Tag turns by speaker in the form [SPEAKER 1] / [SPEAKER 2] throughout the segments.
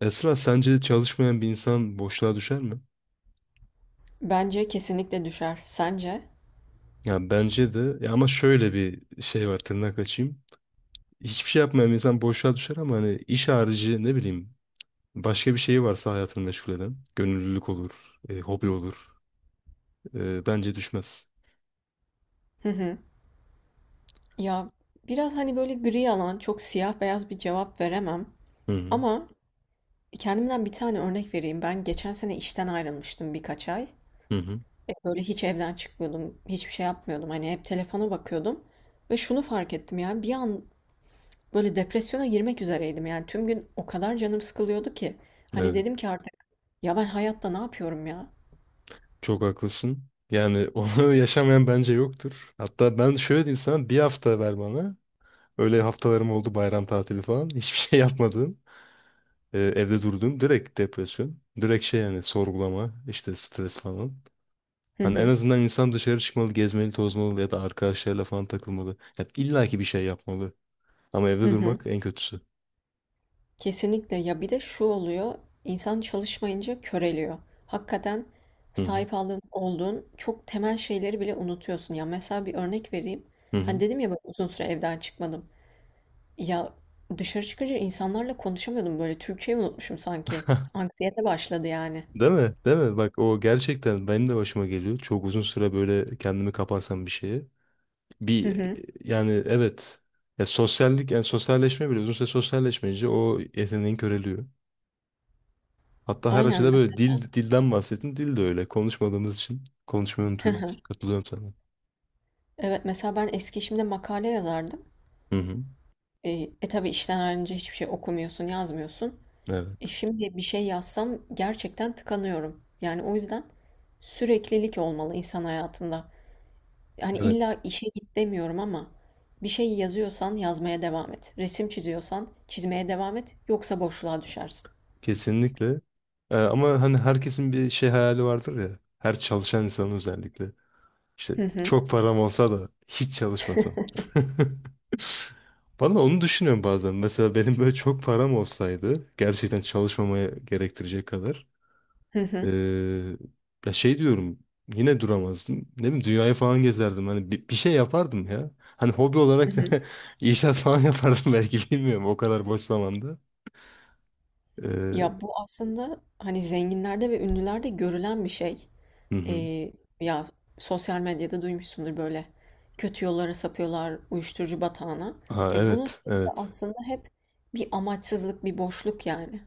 [SPEAKER 1] Esra sence çalışmayan bir insan boşluğa düşer mi?
[SPEAKER 2] Bence kesinlikle düşer. Sence?
[SPEAKER 1] Ya bence de ya ama şöyle bir şey var tırnak açayım. Hiçbir şey yapmayan bir insan boşluğa düşer ama hani iş harici ne bileyim başka bir şeyi varsa hayatını meşgul eden gönüllülük olur, hobi olur. Bence düşmez.
[SPEAKER 2] Hı hı. Ya biraz hani böyle gri alan, çok siyah beyaz bir cevap veremem.
[SPEAKER 1] Hı hı.
[SPEAKER 2] Ama kendimden bir tane örnek vereyim. Ben geçen sene işten ayrılmıştım birkaç ay.
[SPEAKER 1] Hı hı.
[SPEAKER 2] Böyle hiç evden çıkmıyordum, hiçbir şey yapmıyordum. Hani hep telefona bakıyordum. Ve şunu fark ettim yani bir an böyle depresyona girmek üzereydim. Yani tüm gün o kadar canım sıkılıyordu ki. Hani
[SPEAKER 1] Evet,
[SPEAKER 2] dedim ki artık ya ben hayatta ne yapıyorum ya?
[SPEAKER 1] çok haklısın. Yani onu yaşamayan bence yoktur. Hatta ben şöyle diyeyim sana bir hafta ver bana. Öyle haftalarım oldu bayram tatili falan. Hiçbir şey yapmadığım. Evde durduğum direkt depresyon. Direkt şey yani sorgulama, işte stres falan.
[SPEAKER 2] Hı
[SPEAKER 1] Hani en
[SPEAKER 2] hı.
[SPEAKER 1] azından insan dışarı çıkmalı, gezmeli, tozmalı ya da arkadaşlarıyla falan takılmalı. Ya illa ki bir şey yapmalı. Ama
[SPEAKER 2] Hı
[SPEAKER 1] evde
[SPEAKER 2] hı.
[SPEAKER 1] durmak en kötüsü.
[SPEAKER 2] Kesinlikle ya bir de şu oluyor, insan çalışmayınca köreliyor. Hakikaten
[SPEAKER 1] Hı hı.
[SPEAKER 2] sahip aldığın, olduğun çok temel şeyleri bile unutuyorsun. Ya mesela bir örnek vereyim.
[SPEAKER 1] Hı hı.
[SPEAKER 2] Hani dedim ya ben uzun süre evden çıkmadım. Ya dışarı çıkınca insanlarla konuşamıyordum, böyle Türkçeyi unutmuşum sanki. Anksiyete başladı yani.
[SPEAKER 1] Değil mi? Değil mi? Bak o gerçekten benim de başıma geliyor. Çok uzun süre böyle kendimi kaparsam bir şeye.
[SPEAKER 2] Hı
[SPEAKER 1] Bir
[SPEAKER 2] hı.
[SPEAKER 1] yani evet. Ya sosyallik, yani sosyalleşme bile uzun süre sosyalleşmeyince o yeteneğin köreliyor. Hatta her
[SPEAKER 2] Aynen
[SPEAKER 1] açıda böyle
[SPEAKER 2] mesela.
[SPEAKER 1] dil dilden bahsettin. Dil de öyle. Konuşmadığımız için konuşmayı unutuyoruz. Katılıyorum sana.
[SPEAKER 2] Evet mesela ben eski işimde makale yazardım.
[SPEAKER 1] Hı hı.
[SPEAKER 2] E, e tabii işten ayrılınca hiçbir şey okumuyorsun, yazmıyorsun.
[SPEAKER 1] Evet.
[SPEAKER 2] Şimdi bir şey yazsam gerçekten tıkanıyorum. Yani o yüzden süreklilik olmalı insan hayatında. Yani
[SPEAKER 1] Evet.
[SPEAKER 2] illa işe git demiyorum ama bir şey yazıyorsan yazmaya devam et. Resim çiziyorsan çizmeye devam et. Yoksa boşluğa düşersin.
[SPEAKER 1] Kesinlikle. Ama hani herkesin bir şey hayali vardır ya. Her çalışan insanın özellikle. İşte
[SPEAKER 2] Hı hı,
[SPEAKER 1] çok param olsa da hiç çalışmasam. Bana onu düşünüyorum bazen. Mesela benim böyle çok param olsaydı gerçekten çalışmamaya gerektirecek kadar.
[SPEAKER 2] hı hı,
[SPEAKER 1] Ee, ya şey diyorum yine duramazdım. Ne bileyim dünyayı falan gezerdim. Hani bir şey yapardım ya. Hani hobi
[SPEAKER 2] hı
[SPEAKER 1] olarak
[SPEAKER 2] hı.
[SPEAKER 1] inşaat falan yapardım belki bilmiyorum o kadar boş zamanda. Ee,
[SPEAKER 2] Ya bu aslında hani zenginlerde ve ünlülerde görülen bir şey.
[SPEAKER 1] hı hı.
[SPEAKER 2] Ee, ya sosyal medyada duymuşsundur böyle kötü yollara sapıyorlar uyuşturucu batağına.
[SPEAKER 1] Ha
[SPEAKER 2] Ya bunun
[SPEAKER 1] evet
[SPEAKER 2] sebebi
[SPEAKER 1] evet.
[SPEAKER 2] aslında hep bir amaçsızlık, bir boşluk yani.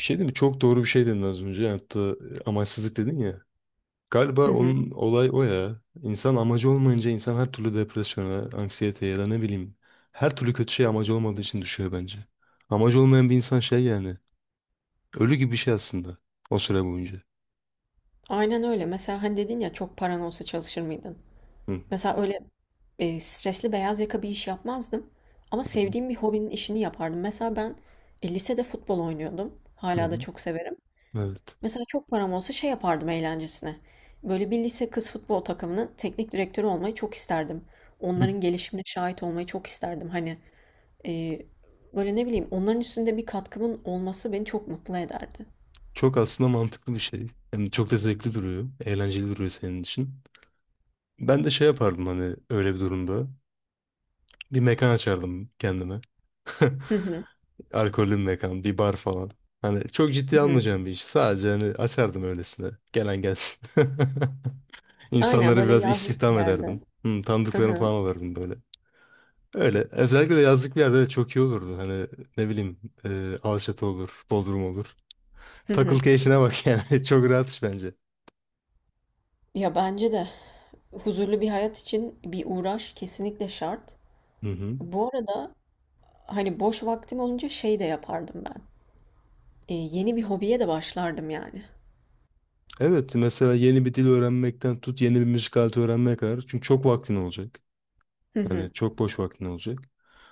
[SPEAKER 1] Bir şey değil mi? Çok doğru bir şey dedin az önce. Hatta amaçsızlık dedin ya. Galiba
[SPEAKER 2] Hı hı.
[SPEAKER 1] onun olay o ya. İnsan amacı olmayınca insan her türlü depresyona, anksiyeteye ya da ne bileyim her türlü kötü şey amacı olmadığı için düşüyor bence. Amacı olmayan bir insan şey yani. Ölü gibi bir şey aslında o süre boyunca.
[SPEAKER 2] Aynen öyle. Mesela hani dedin ya çok paran olsa çalışır mıydın?
[SPEAKER 1] Hı
[SPEAKER 2] Mesela öyle stresli beyaz yaka bir iş yapmazdım. Ama
[SPEAKER 1] hı
[SPEAKER 2] sevdiğim bir hobinin işini yapardım. Mesela ben lisede futbol oynuyordum.
[SPEAKER 1] hı.
[SPEAKER 2] Hala da
[SPEAKER 1] hı.
[SPEAKER 2] çok severim.
[SPEAKER 1] Evet.
[SPEAKER 2] Mesela çok param olsa şey yapardım eğlencesine. Böyle bir lise kız futbol takımının teknik direktörü olmayı çok isterdim.
[SPEAKER 1] Hı.
[SPEAKER 2] Onların gelişimine şahit olmayı çok isterdim. Hani e, böyle ne bileyim onların üstünde bir katkımın olması beni çok mutlu ederdi.
[SPEAKER 1] Çok aslında mantıklı bir şey. Yani çok da zevkli duruyor. Eğlenceli duruyor senin için. Ben de şey yapardım hani öyle bir durumda. Bir mekan açardım kendime.
[SPEAKER 2] Hı hı,
[SPEAKER 1] Alkollü bir mekan, bir bar falan. Hani çok
[SPEAKER 2] hı
[SPEAKER 1] ciddi
[SPEAKER 2] hı.
[SPEAKER 1] almayacağım bir iş. Sadece hani açardım öylesine. Gelen gelsin.
[SPEAKER 2] Aynen
[SPEAKER 1] İnsanları
[SPEAKER 2] böyle
[SPEAKER 1] biraz
[SPEAKER 2] yazlık bir
[SPEAKER 1] istihdam
[SPEAKER 2] yerde.
[SPEAKER 1] ederdim. Hı,
[SPEAKER 2] Hı
[SPEAKER 1] tanıdıklarını
[SPEAKER 2] hı,
[SPEAKER 1] falan alırdım böyle. Öyle. Özellikle de yazlık bir yerde de çok iyi olurdu. Hani ne bileyim Alaçatı olur, Bodrum olur.
[SPEAKER 2] hı
[SPEAKER 1] Takıl
[SPEAKER 2] hı.
[SPEAKER 1] keyfine bak yani. Çok rahat iş bence.
[SPEAKER 2] Ya bence de huzurlu bir hayat için bir uğraş kesinlikle şart.
[SPEAKER 1] Hı hı.
[SPEAKER 2] Bu arada hani boş vaktim olunca şey de yapardım ben. E, yeni bir hobiye de başlardım yani.
[SPEAKER 1] Evet mesela yeni bir dil öğrenmekten tut yeni bir müzik aleti öğrenmeye kadar. Çünkü çok vaktin olacak.
[SPEAKER 2] Hı hı,
[SPEAKER 1] Yani çok boş vaktin olacak.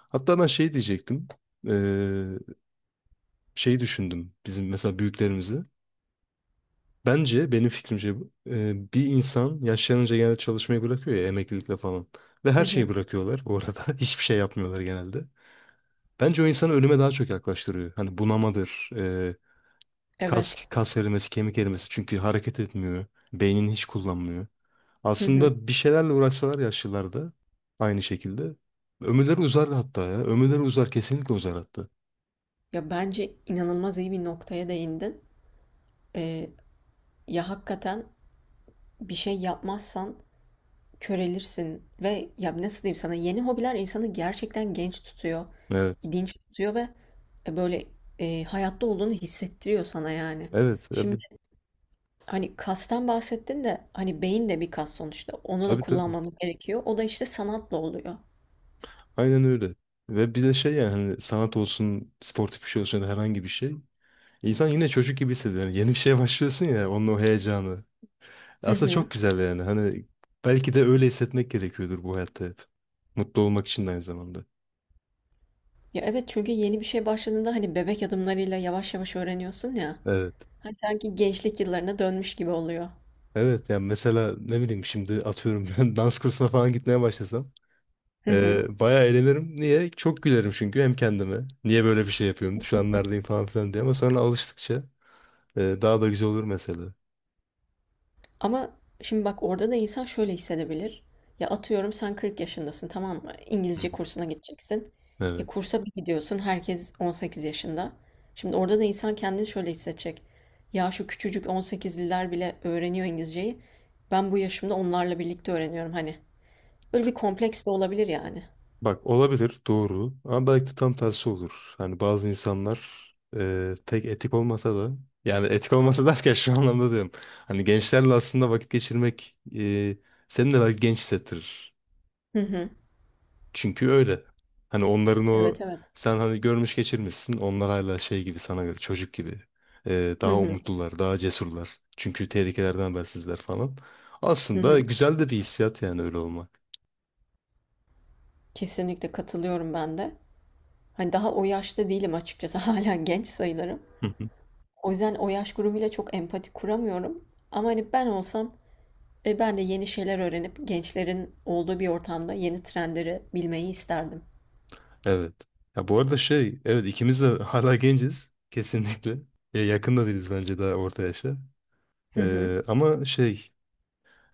[SPEAKER 1] Hatta ben şey diyecektim. Ee, şey düşündüm bizim mesela büyüklerimizi. Bence benim fikrimce bir insan yaşlanınca genelde çalışmayı bırakıyor ya emeklilikle falan. Ve
[SPEAKER 2] hı
[SPEAKER 1] her şeyi
[SPEAKER 2] hı.
[SPEAKER 1] bırakıyorlar bu arada. Hiçbir şey yapmıyorlar genelde. Bence o insanı ölüme daha çok yaklaştırıyor. Hani bunamadır,
[SPEAKER 2] Evet.
[SPEAKER 1] kas erimesi, kemik erimesi. Çünkü hareket etmiyor. Beynini hiç kullanmıyor.
[SPEAKER 2] Hı hı.
[SPEAKER 1] Aslında bir şeylerle uğraşsalar yaşlılarda aynı şekilde. Ömürleri uzar hatta ya. Ömürleri uzar kesinlikle uzar hatta.
[SPEAKER 2] Ya bence inanılmaz iyi bir noktaya değindin. Ee, ya hakikaten bir şey yapmazsan körelirsin ve ya nasıl diyeyim sana, yeni hobiler insanı gerçekten genç tutuyor,
[SPEAKER 1] Evet.
[SPEAKER 2] dinç tutuyor ve e, böyle hayatta olduğunu hissettiriyor sana yani.
[SPEAKER 1] Evet.
[SPEAKER 2] Şimdi
[SPEAKER 1] Tabii
[SPEAKER 2] hani kastan bahsettin de, hani beyin de bir kas sonuçta. Onu da
[SPEAKER 1] tabii.
[SPEAKER 2] kullanmamız gerekiyor. O da işte sanatla oluyor.
[SPEAKER 1] Aynen öyle. Ve bir de şey yani hani sanat olsun, sportif bir şey olsun ya da herhangi bir şey. İnsan yine çocuk gibi hissediyor. Yani yeni bir şeye başlıyorsun ya onun o heyecanı.
[SPEAKER 2] Hı
[SPEAKER 1] Aslında çok
[SPEAKER 2] hı.
[SPEAKER 1] güzel yani. Hani belki de öyle hissetmek gerekiyordur bu hayatta hep. Mutlu olmak için de aynı zamanda.
[SPEAKER 2] Ya evet, çünkü yeni bir şey başladığında hani bebek adımlarıyla yavaş yavaş öğreniyorsun ya.
[SPEAKER 1] Evet.
[SPEAKER 2] Hani sanki gençlik yıllarına dönmüş gibi oluyor.
[SPEAKER 1] Evet yani mesela ne bileyim şimdi atıyorum ben dans kursuna falan gitmeye başlasam
[SPEAKER 2] Hı hı.
[SPEAKER 1] bayağı eğlenirim. Niye? Çok gülerim çünkü hem kendime. Niye böyle bir şey yapıyorum? Şu an neredeyim falan filan diye ama sonra alıştıkça daha da güzel olur mesela.
[SPEAKER 2] Ama şimdi bak, orada da insan şöyle hissedebilir. Ya atıyorum sen 40 yaşındasın, tamam mı?
[SPEAKER 1] Hı
[SPEAKER 2] İngilizce
[SPEAKER 1] hı.
[SPEAKER 2] kursuna gideceksin. E
[SPEAKER 1] Evet.
[SPEAKER 2] kursa bir gidiyorsun, herkes 18 yaşında. Şimdi orada da insan kendini şöyle hissedecek. Ya şu küçücük 18'liler bile öğreniyor İngilizceyi. Ben bu yaşımda onlarla birlikte öğreniyorum hani. Böyle bir kompleks de olabilir yani.
[SPEAKER 1] Bak olabilir doğru ama belki de tam tersi olur. Hani bazı insanlar pek etik olmasa da yani etik olmasa derken şu anlamda diyorum. Hani gençlerle aslında vakit geçirmek seni de belki genç hissettirir.
[SPEAKER 2] Hı hı.
[SPEAKER 1] Çünkü öyle. Hani onların o
[SPEAKER 2] Evet evet.
[SPEAKER 1] sen hani görmüş geçirmişsin. Onlar hala şey gibi sana göre çocuk gibi.
[SPEAKER 2] Hı
[SPEAKER 1] Daha
[SPEAKER 2] hı.
[SPEAKER 1] umutlular, daha cesurlar. Çünkü tehlikelerden habersizler falan.
[SPEAKER 2] Hı
[SPEAKER 1] Aslında
[SPEAKER 2] hı.
[SPEAKER 1] güzel de bir hissiyat yani öyle olmak.
[SPEAKER 2] Kesinlikle katılıyorum ben de. Hani daha o yaşta değilim açıkçası. Hala genç sayılırım.
[SPEAKER 1] Hı hı.
[SPEAKER 2] O yüzden o yaş grubuyla çok empati kuramıyorum. Ama hani ben olsam ben de yeni şeyler öğrenip gençlerin olduğu bir ortamda yeni trendleri bilmeyi isterdim.
[SPEAKER 1] Evet. Ya bu arada şey, evet ikimiz de hala genciz kesinlikle. Ya yakın da değiliz bence daha orta yaşa.
[SPEAKER 2] Hı hı.
[SPEAKER 1] Ama şey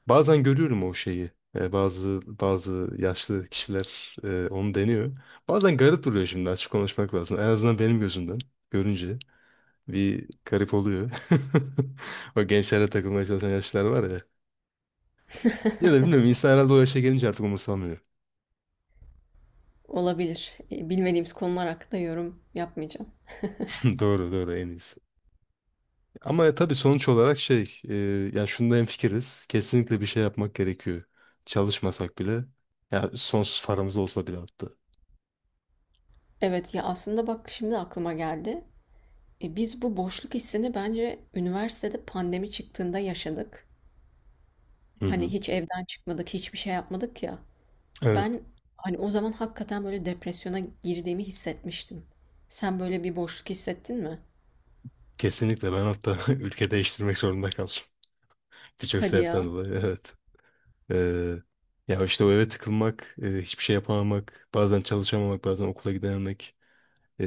[SPEAKER 1] Bazen görüyorum o şeyi. E, bazı bazı yaşlı kişiler onu deniyor. Bazen garip duruyor şimdi açık konuşmak lazım. En azından benim gözümden görünce bir garip oluyor. O gençlerle takılmaya çalışan yaşlılar var ya. Ya da bilmiyorum insan herhalde o yaşa gelince artık umursamıyor.
[SPEAKER 2] Olabilir. E, bilmediğimiz konular hakkında yorum yapmayacağım.
[SPEAKER 1] Doğru doğru en iyisi. Ama tabii sonuç olarak yani şunda hemfikiriz. Kesinlikle bir şey yapmak gerekiyor. Çalışmasak bile ya sonsuz paramız olsa bile hatta.
[SPEAKER 2] Evet, ya aslında bak şimdi aklıma geldi. E, biz bu boşluk hissini bence üniversitede pandemi çıktığında yaşadık.
[SPEAKER 1] Hı
[SPEAKER 2] Hani
[SPEAKER 1] hı.
[SPEAKER 2] hiç evden çıkmadık, hiçbir şey yapmadık ya.
[SPEAKER 1] Evet.
[SPEAKER 2] Ben hani o zaman hakikaten böyle depresyona girdiğimi hissetmiştim. Sen böyle bir boşluk hissettin mi?
[SPEAKER 1] Kesinlikle ben hatta ülke değiştirmek zorunda kaldım. Birçok
[SPEAKER 2] Hadi
[SPEAKER 1] sebepten
[SPEAKER 2] ya.
[SPEAKER 1] dolayı evet. Ee, ya işte o eve tıkılmak, hiçbir şey yapamamak, bazen çalışamamak, bazen okula gidememek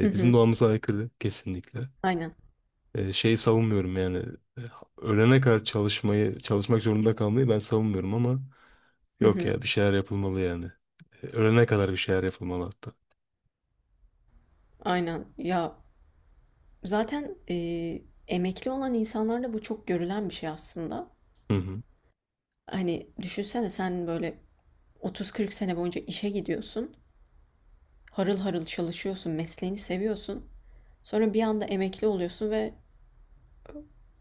[SPEAKER 2] Hı
[SPEAKER 1] bizim
[SPEAKER 2] hı.
[SPEAKER 1] doğamıza aykırı kesinlikle.
[SPEAKER 2] Aynen.
[SPEAKER 1] E, şeyi savunmuyorum yani e, ölene kadar çalışmayı, çalışmak zorunda kalmayı ben savunmuyorum ama
[SPEAKER 2] Hı
[SPEAKER 1] yok
[SPEAKER 2] hı.
[SPEAKER 1] ya bir şeyler yapılmalı yani. E, ölene kadar bir şeyler yapılmalı hatta.
[SPEAKER 2] Aynen. Ya zaten emekli olan insanlarda bu çok görülen bir şey aslında.
[SPEAKER 1] Hı hı.
[SPEAKER 2] Hani düşünsene sen böyle 30-40 sene boyunca işe gidiyorsun. Harıl harıl çalışıyorsun, mesleğini seviyorsun. Sonra bir anda emekli oluyorsun ve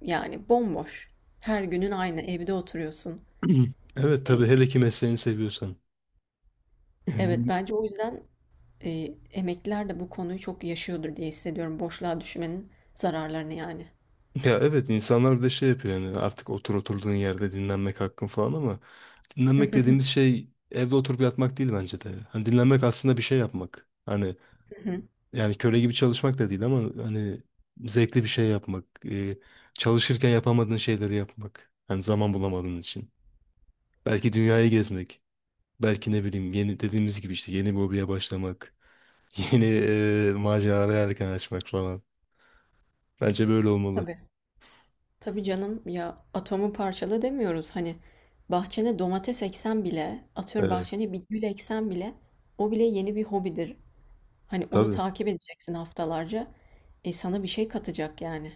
[SPEAKER 2] yani bomboş. Her günün aynı evde oturuyorsun.
[SPEAKER 1] Evet
[SPEAKER 2] E,
[SPEAKER 1] tabii hele ki mesleğini seviyorsan.
[SPEAKER 2] evet bence o yüzden emekliler de bu konuyu çok yaşıyordur diye hissediyorum. Boşluğa düşmenin zararlarını yani.
[SPEAKER 1] Ya evet insanlar bir de şey yapıyor yani artık otur oturduğun yerde dinlenmek hakkın falan ama dinlenmek dediğimiz şey evde oturup yatmak değil bence de. Hani dinlenmek aslında bir şey yapmak. Hani yani köle gibi çalışmak da değil ama hani zevkli bir şey yapmak. Çalışırken yapamadığın şeyleri yapmak. Hani zaman bulamadığın için. Belki dünyayı gezmek. Belki ne bileyim yeni dediğimiz gibi işte yeni bir hobiye başlamak. Yeni maceralara yelken açmak falan. Bence böyle olmalı.
[SPEAKER 2] Tabii. Tabii canım, ya atomu parçala demiyoruz. Hani bahçene domates eksen bile, atıyorum
[SPEAKER 1] Evet.
[SPEAKER 2] bahçene bir gül eksen bile o bile yeni bir hobidir. Hani onu
[SPEAKER 1] Tabii.
[SPEAKER 2] takip edeceksin haftalarca. E sana bir şey katacak yani.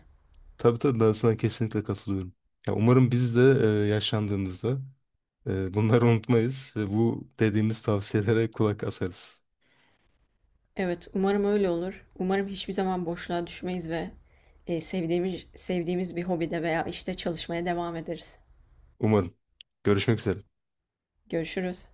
[SPEAKER 1] Tabii tabii ben sana kesinlikle katılıyorum. Ya umarım biz de yaşlandığımızda bunları unutmayız ve bu dediğimiz tavsiyelere kulak asarız.
[SPEAKER 2] Evet, umarım öyle olur. Umarım hiçbir zaman boşluğa düşmeyiz ve sevdiğimiz bir hobide veya işte çalışmaya devam ederiz.
[SPEAKER 1] Umarım. Görüşmek üzere.
[SPEAKER 2] Görüşürüz.